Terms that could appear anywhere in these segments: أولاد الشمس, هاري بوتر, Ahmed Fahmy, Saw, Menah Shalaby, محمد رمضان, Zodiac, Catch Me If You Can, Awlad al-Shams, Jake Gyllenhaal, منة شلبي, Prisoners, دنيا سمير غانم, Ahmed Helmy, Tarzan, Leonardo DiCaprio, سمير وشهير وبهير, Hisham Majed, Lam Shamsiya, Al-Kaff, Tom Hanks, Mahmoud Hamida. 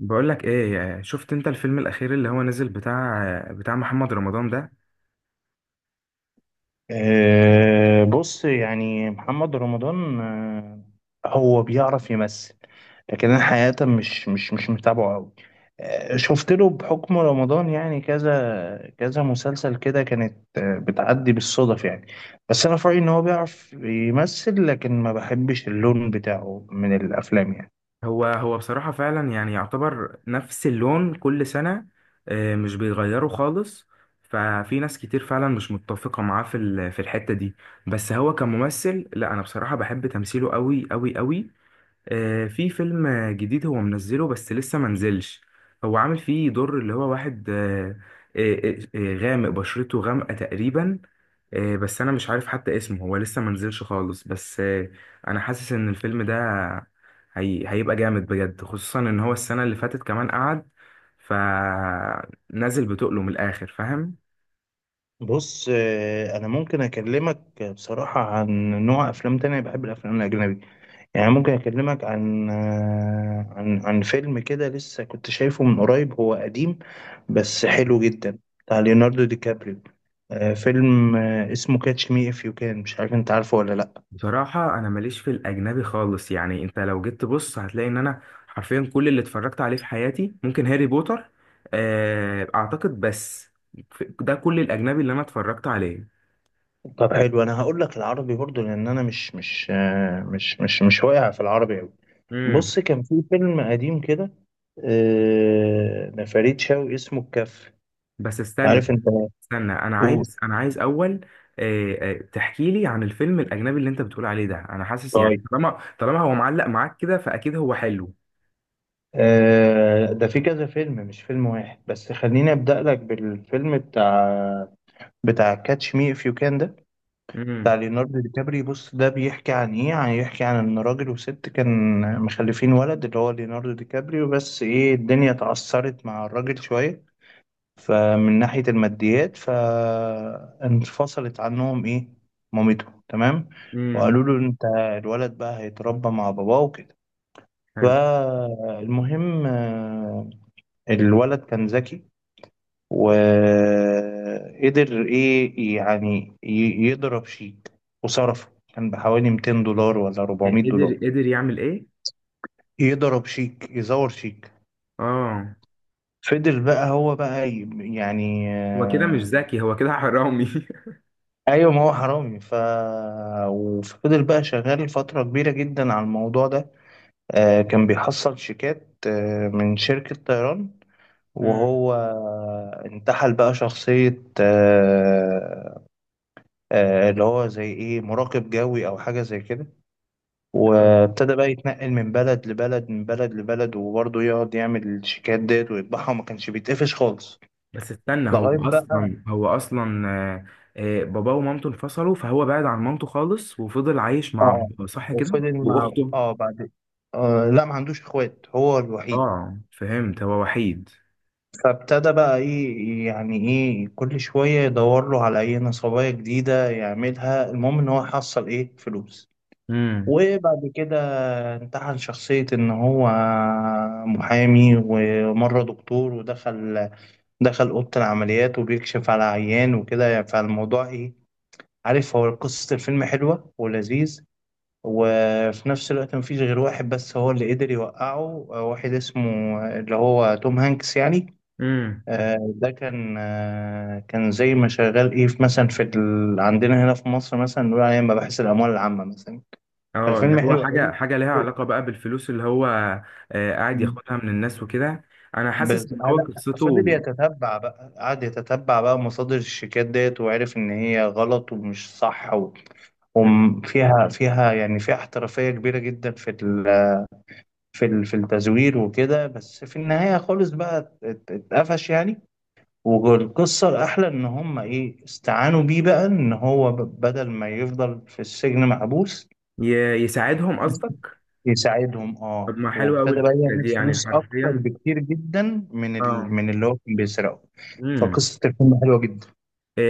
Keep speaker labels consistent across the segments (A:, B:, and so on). A: بقولك ايه؟ يعني شفت انت الفيلم الاخير اللي هو نزل بتاع محمد رمضان ده؟
B: بص، يعني محمد رمضان هو بيعرف يمثل. لكن انا حقيقة مش متابعه قوي. شفت له بحكم رمضان، يعني كذا كذا مسلسل كده كانت بتعدي بالصدف يعني. بس انا في رأيي ان هو بيعرف يمثل، لكن ما بحبش اللون بتاعه من الافلام يعني.
A: هو بصراحة فعلا يعني يعتبر نفس اللون كل سنة. مش بيغيره خالص. ففي ناس كتير فعلا مش متفقة معاه في الحتة دي. بس هو كممثل، لا انا بصراحة بحب تمثيله قوي قوي قوي. في فيلم جديد هو منزله بس لسه منزلش. هو عامل فيه دور اللي هو واحد غامق، بشرته غامقة تقريبا. بس أنا مش عارف حتى اسمه، هو لسه منزلش خالص بس أنا حاسس إن الفيلم ده هيبقى جامد بجد، خصوصا إن هو السنة اللي فاتت كمان قعد فنزل بتقله من الآخر، فاهم؟
B: بص، انا ممكن اكلمك بصراحة عن نوع افلام تانية، بحب الافلام الاجنبي. يعني ممكن أكلمك عن فيلم كده لسه كنت شايفه من قريب، هو قديم بس حلو جدا. بتاع ليوناردو دي كابريو. فيلم اسمه كاتش مي اف يو كان، مش عارف انت عارفه ولا لا؟
A: بصراحة أنا ماليش في الأجنبي خالص. يعني أنت لو جيت تبص هتلاقي إن أنا حرفيا كل اللي اتفرجت عليه في حياتي ممكن هاري بوتر أعتقد. بس ده كل الأجنبي اللي أنا اتفرجت عليه.
B: طب حلو، انا هقول لك العربي برضو، لان انا مش مش آه، مش مش مش واقع في العربي قوي.
A: امم.
B: بص كان في فيلم قديم كده لفريد شوقي اسمه الكف،
A: بس استنى،
B: عارف انت؟
A: استنى، أنا
B: أوه.
A: عايز أنا عايز أول تحكي لي عن الفيلم الأجنبي اللي أنت بتقول عليه ده. أنا حاسس يعني
B: طيب،
A: طالما هو معلق معاك كده فأكيد هو حلو.
B: ده في كذا فيلم مش فيلم واحد، بس خليني أبدأ لك بالفيلم بتاع كاتش مي إف يو كان ده. بتاع
A: امم.
B: ليوناردو دي كابري. بص ده بيحكي عن إيه، يعني يحكي عن إن راجل وست كان مخلفين ولد اللي هو ليوناردو دي كابري. بس إيه، الدنيا اتعثرت مع الراجل شوية، فمن ناحية الماديات فانفصلت عنهم، إيه، مامته، تمام.
A: امم.
B: وقالوا له أنت الولد بقى هيتربى مع باباه وكده.
A: حلو.
B: فالمهم، الولد كان ذكي، وقدر ايه، يعني يضرب شيك، وصرفه كان بحوالي 200 دولار ولا 400
A: قدر
B: دولار
A: قدر يعمل إيه؟
B: يضرب شيك، يزور شيك.
A: آه.
B: فضل بقى هو بقى
A: هو كده مش ذكي، هو كده حرامي.
B: ايوه، ما هو حرامي. وفضل بقى شغال فترة كبيرة جدا على الموضوع ده. كان بيحصل شيكات من شركة طيران.
A: مم،
B: وهو انتحل بقى شخصية اللي هو زي ايه، مراقب جوي او حاجة زي كده.
A: تمام.
B: وابتدى بقى يتنقل من بلد لبلد، من بلد لبلد، وبرضه يقعد يعمل الشيكات ديت ويطبعها، وما كانش بيتقفش خالص
A: بس استنى، هو
B: لغاية بقى.
A: اصلا، هو اصلا باباه ومامته انفصلوا، فهو بعد عن مامته خالص وفضل عايش مع
B: اه.
A: بابا، صح كده،
B: وفضل مع
A: واخته؟
B: بعد. آه، لا، ما عندوش اخوات، هو الوحيد.
A: اه فهمت، هو وحيد.
B: فابتدى بقى ايه، يعني ايه، كل شوية يدور له على اي نصباية جديدة يعملها. المهم ان هو حصل ايه، فلوس.
A: امم.
B: وبعد كده امتحن شخصية إن هو محامي، ومرة دكتور، ودخل أوضة العمليات وبيكشف على عيان وكده. فالموضوع إيه، عارف، هو قصة الفيلم حلوة ولذيذ. وفي نفس الوقت مفيش غير واحد بس هو اللي قدر يوقعه، واحد اسمه اللي هو توم هانكس يعني.
A: امم.
B: ده كان زي ما شغال ايه، في مثلا عندنا هنا في مصر مثلا نقول عليه مباحث الاموال العامه مثلا.
A: اه، اللي
B: فالفيلم
A: هو
B: حلو
A: حاجه
B: قوي.
A: حاجه ليها علاقه بقى بالفلوس اللي هو قاعد ياخدها من الناس وكده. انا حاسس
B: بس
A: ان هو
B: لا.
A: قصته.
B: فضل يتتبع بقى، قعد يتتبع بقى مصادر الشيكات ديت، وعرف ان هي غلط ومش صح
A: مم.
B: وفيها فيها يعني فيها احترافية كبيرة جدا في التزوير وكده، بس في النهاية خالص بقى اتقفش يعني. والقصة الأحلى إن هم إيه استعانوا بيه بقى، إن هو بدل ما يفضل في السجن محبوس
A: ي- يساعدهم، قصدك؟
B: يساعدهم.
A: طب
B: اه.
A: ما حلوه قوي
B: وابتدى بقى
A: الفكره
B: يعمل
A: دي، يعني
B: فلوس اكتر
A: حرفيا.
B: بكتير جدا من ال...
A: اه.
B: من اللي هو كان بيسرقه.
A: امم.
B: فقصة الفيلم حلوة جدا.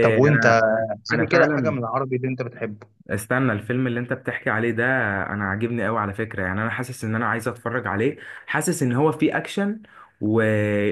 B: طب، وانت
A: انا،
B: احكي لي
A: انا
B: كده حاجة من
A: فعلا،
B: العربي اللي انت بتحبه.
A: استنى، الفيلم اللي انت بتحكي عليه ده انا عاجبني قوي على فكرة. يعني انا حاسس ان انا عايز اتفرج عليه. حاسس ان هو فيه اكشن و...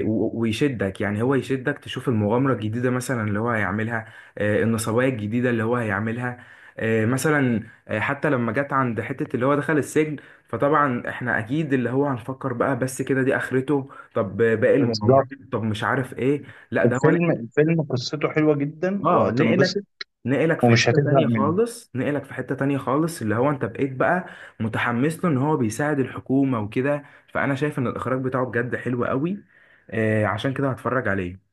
A: ويشدك، يعني هو يشدك تشوف المغامرة الجديدة مثلا اللي هو هيعملها، النصباية الجديدة اللي هو هيعملها. مثلا حتى لما جت عند حتة اللي هو دخل السجن، فطبعا احنا اكيد اللي هو هنفكر بقى بس كده دي اخرته. طب باقي المغامرات؟
B: بالظبط.
A: طب مش عارف ايه. لا ده هو.
B: الفيلم قصته حلوة جدا،
A: اه نقلك،
B: وهتنبسط
A: نقلك في
B: ومش
A: حتة
B: هتزهق
A: تانية
B: منه.
A: خالص، نقلك في حتة تانية خالص اللي هو انت بقيت بقى متحمس له ان هو بيساعد الحكومة وكده. فانا شايف ان الاخراج بتاعه بجد حلو قوي. آه عشان كده هتفرج عليه.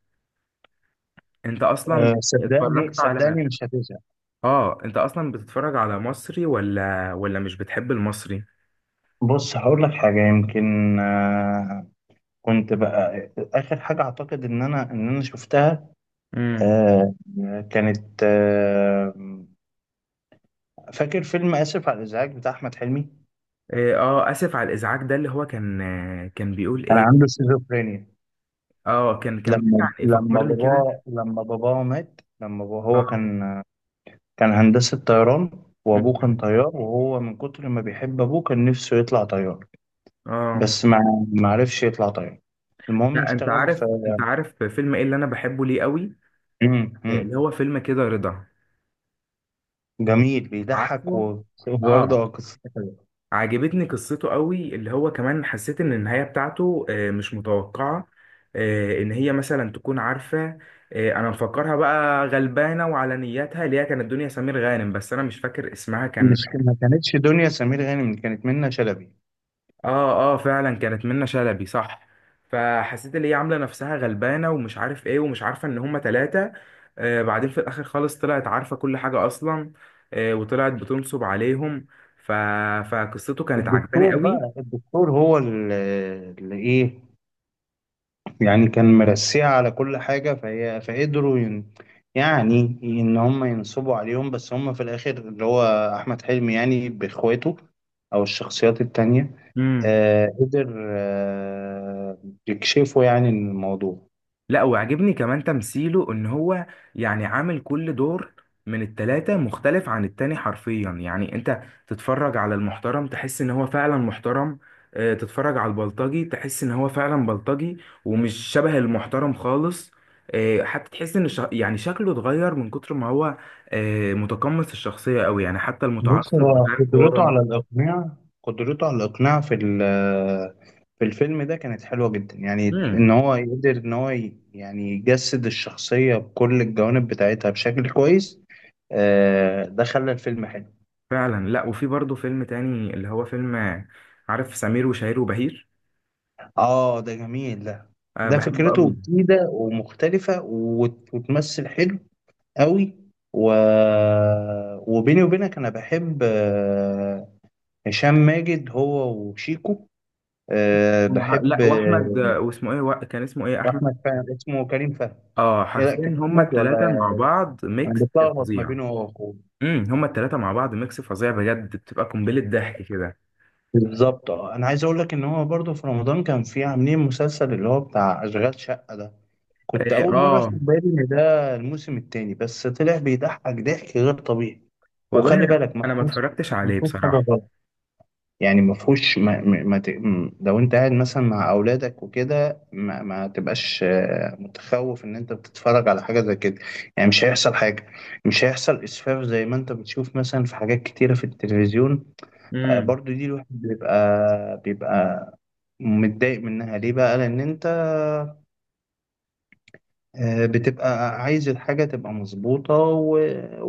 A: انت اصلا
B: صدقني
A: اتفرجت على،
B: صدقني، مش هتزهق.
A: اه انت اصلا بتتفرج على مصري ولا مش بتحب المصري؟
B: بص، هقول لك حاجة يمكن. كنت بقى آخر حاجة، أعتقد إن أنا شفتها.
A: امم.
B: أه كانت فاكر فيلم "آسف على الإزعاج" بتاع أحمد حلمي.
A: اه، اسف على الازعاج ده اللي هو كان، كان بيقول
B: كان
A: ايه؟
B: عنده سيزوفرينيا.
A: اه كان
B: لما
A: بيحكي عن ايه،
B: لما
A: فكرني كده.
B: باباه مات، لما بابا هو
A: اه.
B: كان هندسة طيران.
A: م-
B: وأبوه كان
A: م.
B: طيار، وهو من كتر ما بيحب أبوه كان نفسه يطلع طيار.
A: اه
B: بس ما عرفش يطلع طيار. المهم
A: لا، انت
B: اشتغل
A: عارف،
B: في.
A: انت عارف فيلم ايه اللي انا بحبه ليه قوي؟
B: مم، مم.
A: اللي هو فيلم كده رضا،
B: جميل، بيضحك
A: عارفه؟ اه.
B: وبرضه قصته حلوه.
A: عجبتني قصته قوي، اللي هو كمان حسيت ان النهاية بتاعته مش متوقعة. ان هي مثلا تكون عارفة. انا مفكرها بقى غلبانة وعلى نياتها، اللي هي كانت دنيا سمير غانم، بس انا مش فاكر اسمها كان.
B: مش، ما كانتش دنيا سمير غانم، كانت منة شلبي.
A: اه اه فعلا كانت منة شلبي، صح. فحسيت ان هي عامله نفسها غلبانه ومش عارف ايه ومش عارفه ان هما ثلاثه. آه بعدين في الاخر خالص طلعت عارفه كل حاجه اصلا. آه وطلعت بتنصب عليهم. ف... فقصته كانت عجباني
B: الدكتور بقى
A: قوي.
B: الدكتور هو اللي ايه، يعني كان مرسيها على كل حاجة، فهي يعني إن هم ينصبوا عليهم، بس هم في الآخر اللي هو أحمد حلمي يعني بإخواته أو الشخصيات التانية
A: امم.
B: قدر يكشفوا يعني الموضوع.
A: لا وعجبني كمان تمثيله، ان هو يعني عامل كل دور من التلاتة مختلف عن التاني حرفيا. يعني انت تتفرج على المحترم تحس ان هو فعلا محترم. تتفرج على البلطجي تحس ان هو فعلا بلطجي، ومش شبه المحترم خالص. حتى تحس ان يعني شكله اتغير من كتر ما هو متقمص الشخصية قوي، يعني حتى
B: بص،
A: المتعصب
B: هو
A: بتاع
B: قدرته
A: الكورة.
B: على الإقناع، قدرته على الإقناع في الفيلم ده كانت حلوة جدا يعني. إن
A: امم.
B: هو يقدر إن هو يعني يجسد الشخصية بكل الجوانب بتاعتها بشكل كويس. ده خلى الفيلم حلو.
A: فعلا. لا وفي برضه فيلم تاني اللي هو فيلم، عارف سمير وشهير وبهير؟
B: اه، ده جميل ده.
A: أه
B: ده
A: بحبه
B: فكرته
A: قوي.
B: جديدة ومختلفة وتمثل حلو قوي. و... وبيني وبينك انا بحب هشام ماجد هو وشيكو، بحب
A: لا واحمد، واسمه ايه، كان اسمه ايه، احمد؟
B: احمد فهمي، اسمه كريم فهمي.
A: اه
B: إيه، لا،
A: حرفيا
B: كان
A: هما
B: احمد
A: الثلاثه
B: ولا؟
A: مع بعض
B: انا
A: ميكس
B: بتلخبط ما
A: فظيع.
B: بينه هو واخوه.
A: هما الثلاثه مع بعض ميكس فظيع بجد، بتبقى قنبله ضحك كده.
B: بالظبط. اه، انا عايز اقول لك ان هو برضه في رمضان كان في عاملين مسلسل اللي هو بتاع "اشغال شقة" ده. كنت
A: إيه،
B: أول مرة أخد
A: اه.
B: بالي إن ده الموسم التاني، بس طلع بيضحك ضحك غير طبيعي.
A: والله
B: وخلي
A: انا،
B: بالك، ما
A: أنا ما
B: فيهوش
A: اتفرجتش
B: ما
A: عليه
B: فيهوش حاجة
A: بصراحه.
B: غلط. يعني ما فيهوش. ما... ما... ما ت... م- لو أنت قاعد مثلا مع أولادك وكده، ما تبقاش متخوف إن أنت بتتفرج على حاجة زي كده. يعني مش هيحصل حاجة، مش هيحصل إسفاف زي ما أنت بتشوف مثلا في حاجات كتيرة في التلفزيون.
A: امم.
B: برضو دي الواحد بيبقى متضايق منها ليه بقى، لأن أنت بتبقى عايز الحاجة تبقى مظبوطة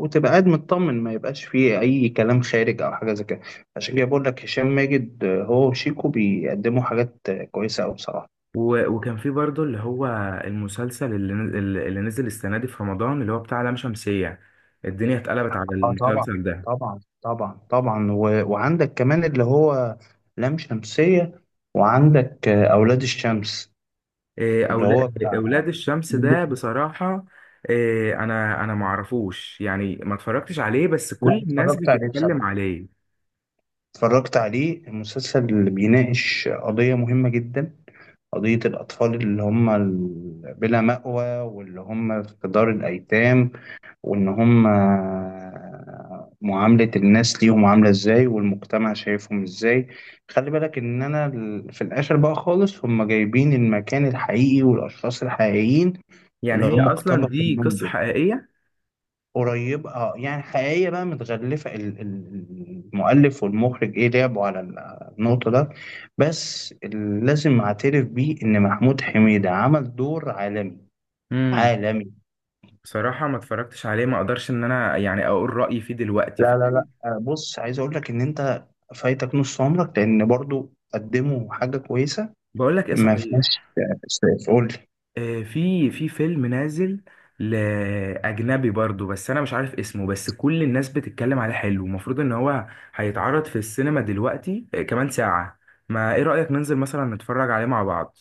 B: وتبقى قاعد مطمن، ما يبقاش فيه أي كلام خارج أو حاجة زي كده. عشان كده بقول لك، هشام ماجد هو وشيكو بيقدموا حاجات كويسة أوي بصراحة.
A: وكان في برضه اللي هو المسلسل اللي نزل السنه دي في رمضان اللي هو بتاع لام شمسيه، الدنيا اتقلبت على
B: اه، طبعا
A: المسلسل ده.
B: طبعا طبعا طبعا. وعندك كمان اللي هو "لام شمسية"، وعندك "أولاد الشمس" اللي هو بتاع.
A: اولاد الشمس ده بصراحه، إيه، انا انا ما اعرفوش يعني، ما اتفرجتش عليه بس كل
B: لا،
A: الناس
B: اتفرجت عليه
A: بتتكلم
B: بصراحة،
A: عليه.
B: اتفرجت عليه، المسلسل اللي بيناقش قضية مهمة جدا. قضية الأطفال اللي هم بلا مأوى، واللي هم في دار الأيتام. وإن هم، معاملة الناس ليهم عاملة إزاي، والمجتمع شايفهم إزاي. خلي بالك إن أنا في الآخر بقى خالص هم جايبين المكان الحقيقي والأشخاص الحقيقيين
A: يعني
B: اللي
A: هي
B: هم
A: اصلا
B: اقتبسوا
A: دي
B: منهم.
A: قصه حقيقيه؟
B: قريب، اه، يعني حقيقية بقى، متغلفة. المؤلف والمخرج ايه لعبوا على النقطة ده. بس لازم اعترف بيه ان محمود حميدة عمل دور عالمي.
A: امم.
B: عالمي.
A: بصراحه ما اتفرجتش عليه، ما اقدرش ان انا يعني اقول رايي فيه دلوقتي.
B: لا لا لا. بص، عايز اقول لك ان انت فايتك نص عمرك، لان برضو قدموا حاجة كويسة.
A: بقول لك ايه،
B: ما فيش.
A: صحيح،
B: قول لي.
A: في في فيلم نازل لأجنبي برضو بس أنا مش عارف اسمه، بس كل الناس بتتكلم عليه، حلو. المفروض إن هو هيتعرض في السينما دلوقتي كمان ساعة. ما إيه رأيك ننزل مثلا نتفرج عليه مع بعض؟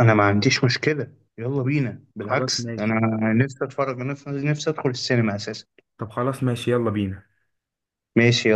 B: انا ما عنديش مشكلة، يلا بينا،
A: خلاص
B: بالعكس
A: ماشي.
B: انا نفسي اتفرج، انا نفسي نفسي ادخل السينما اساسا.
A: طب خلاص ماشي، يلا بينا.
B: ماشي.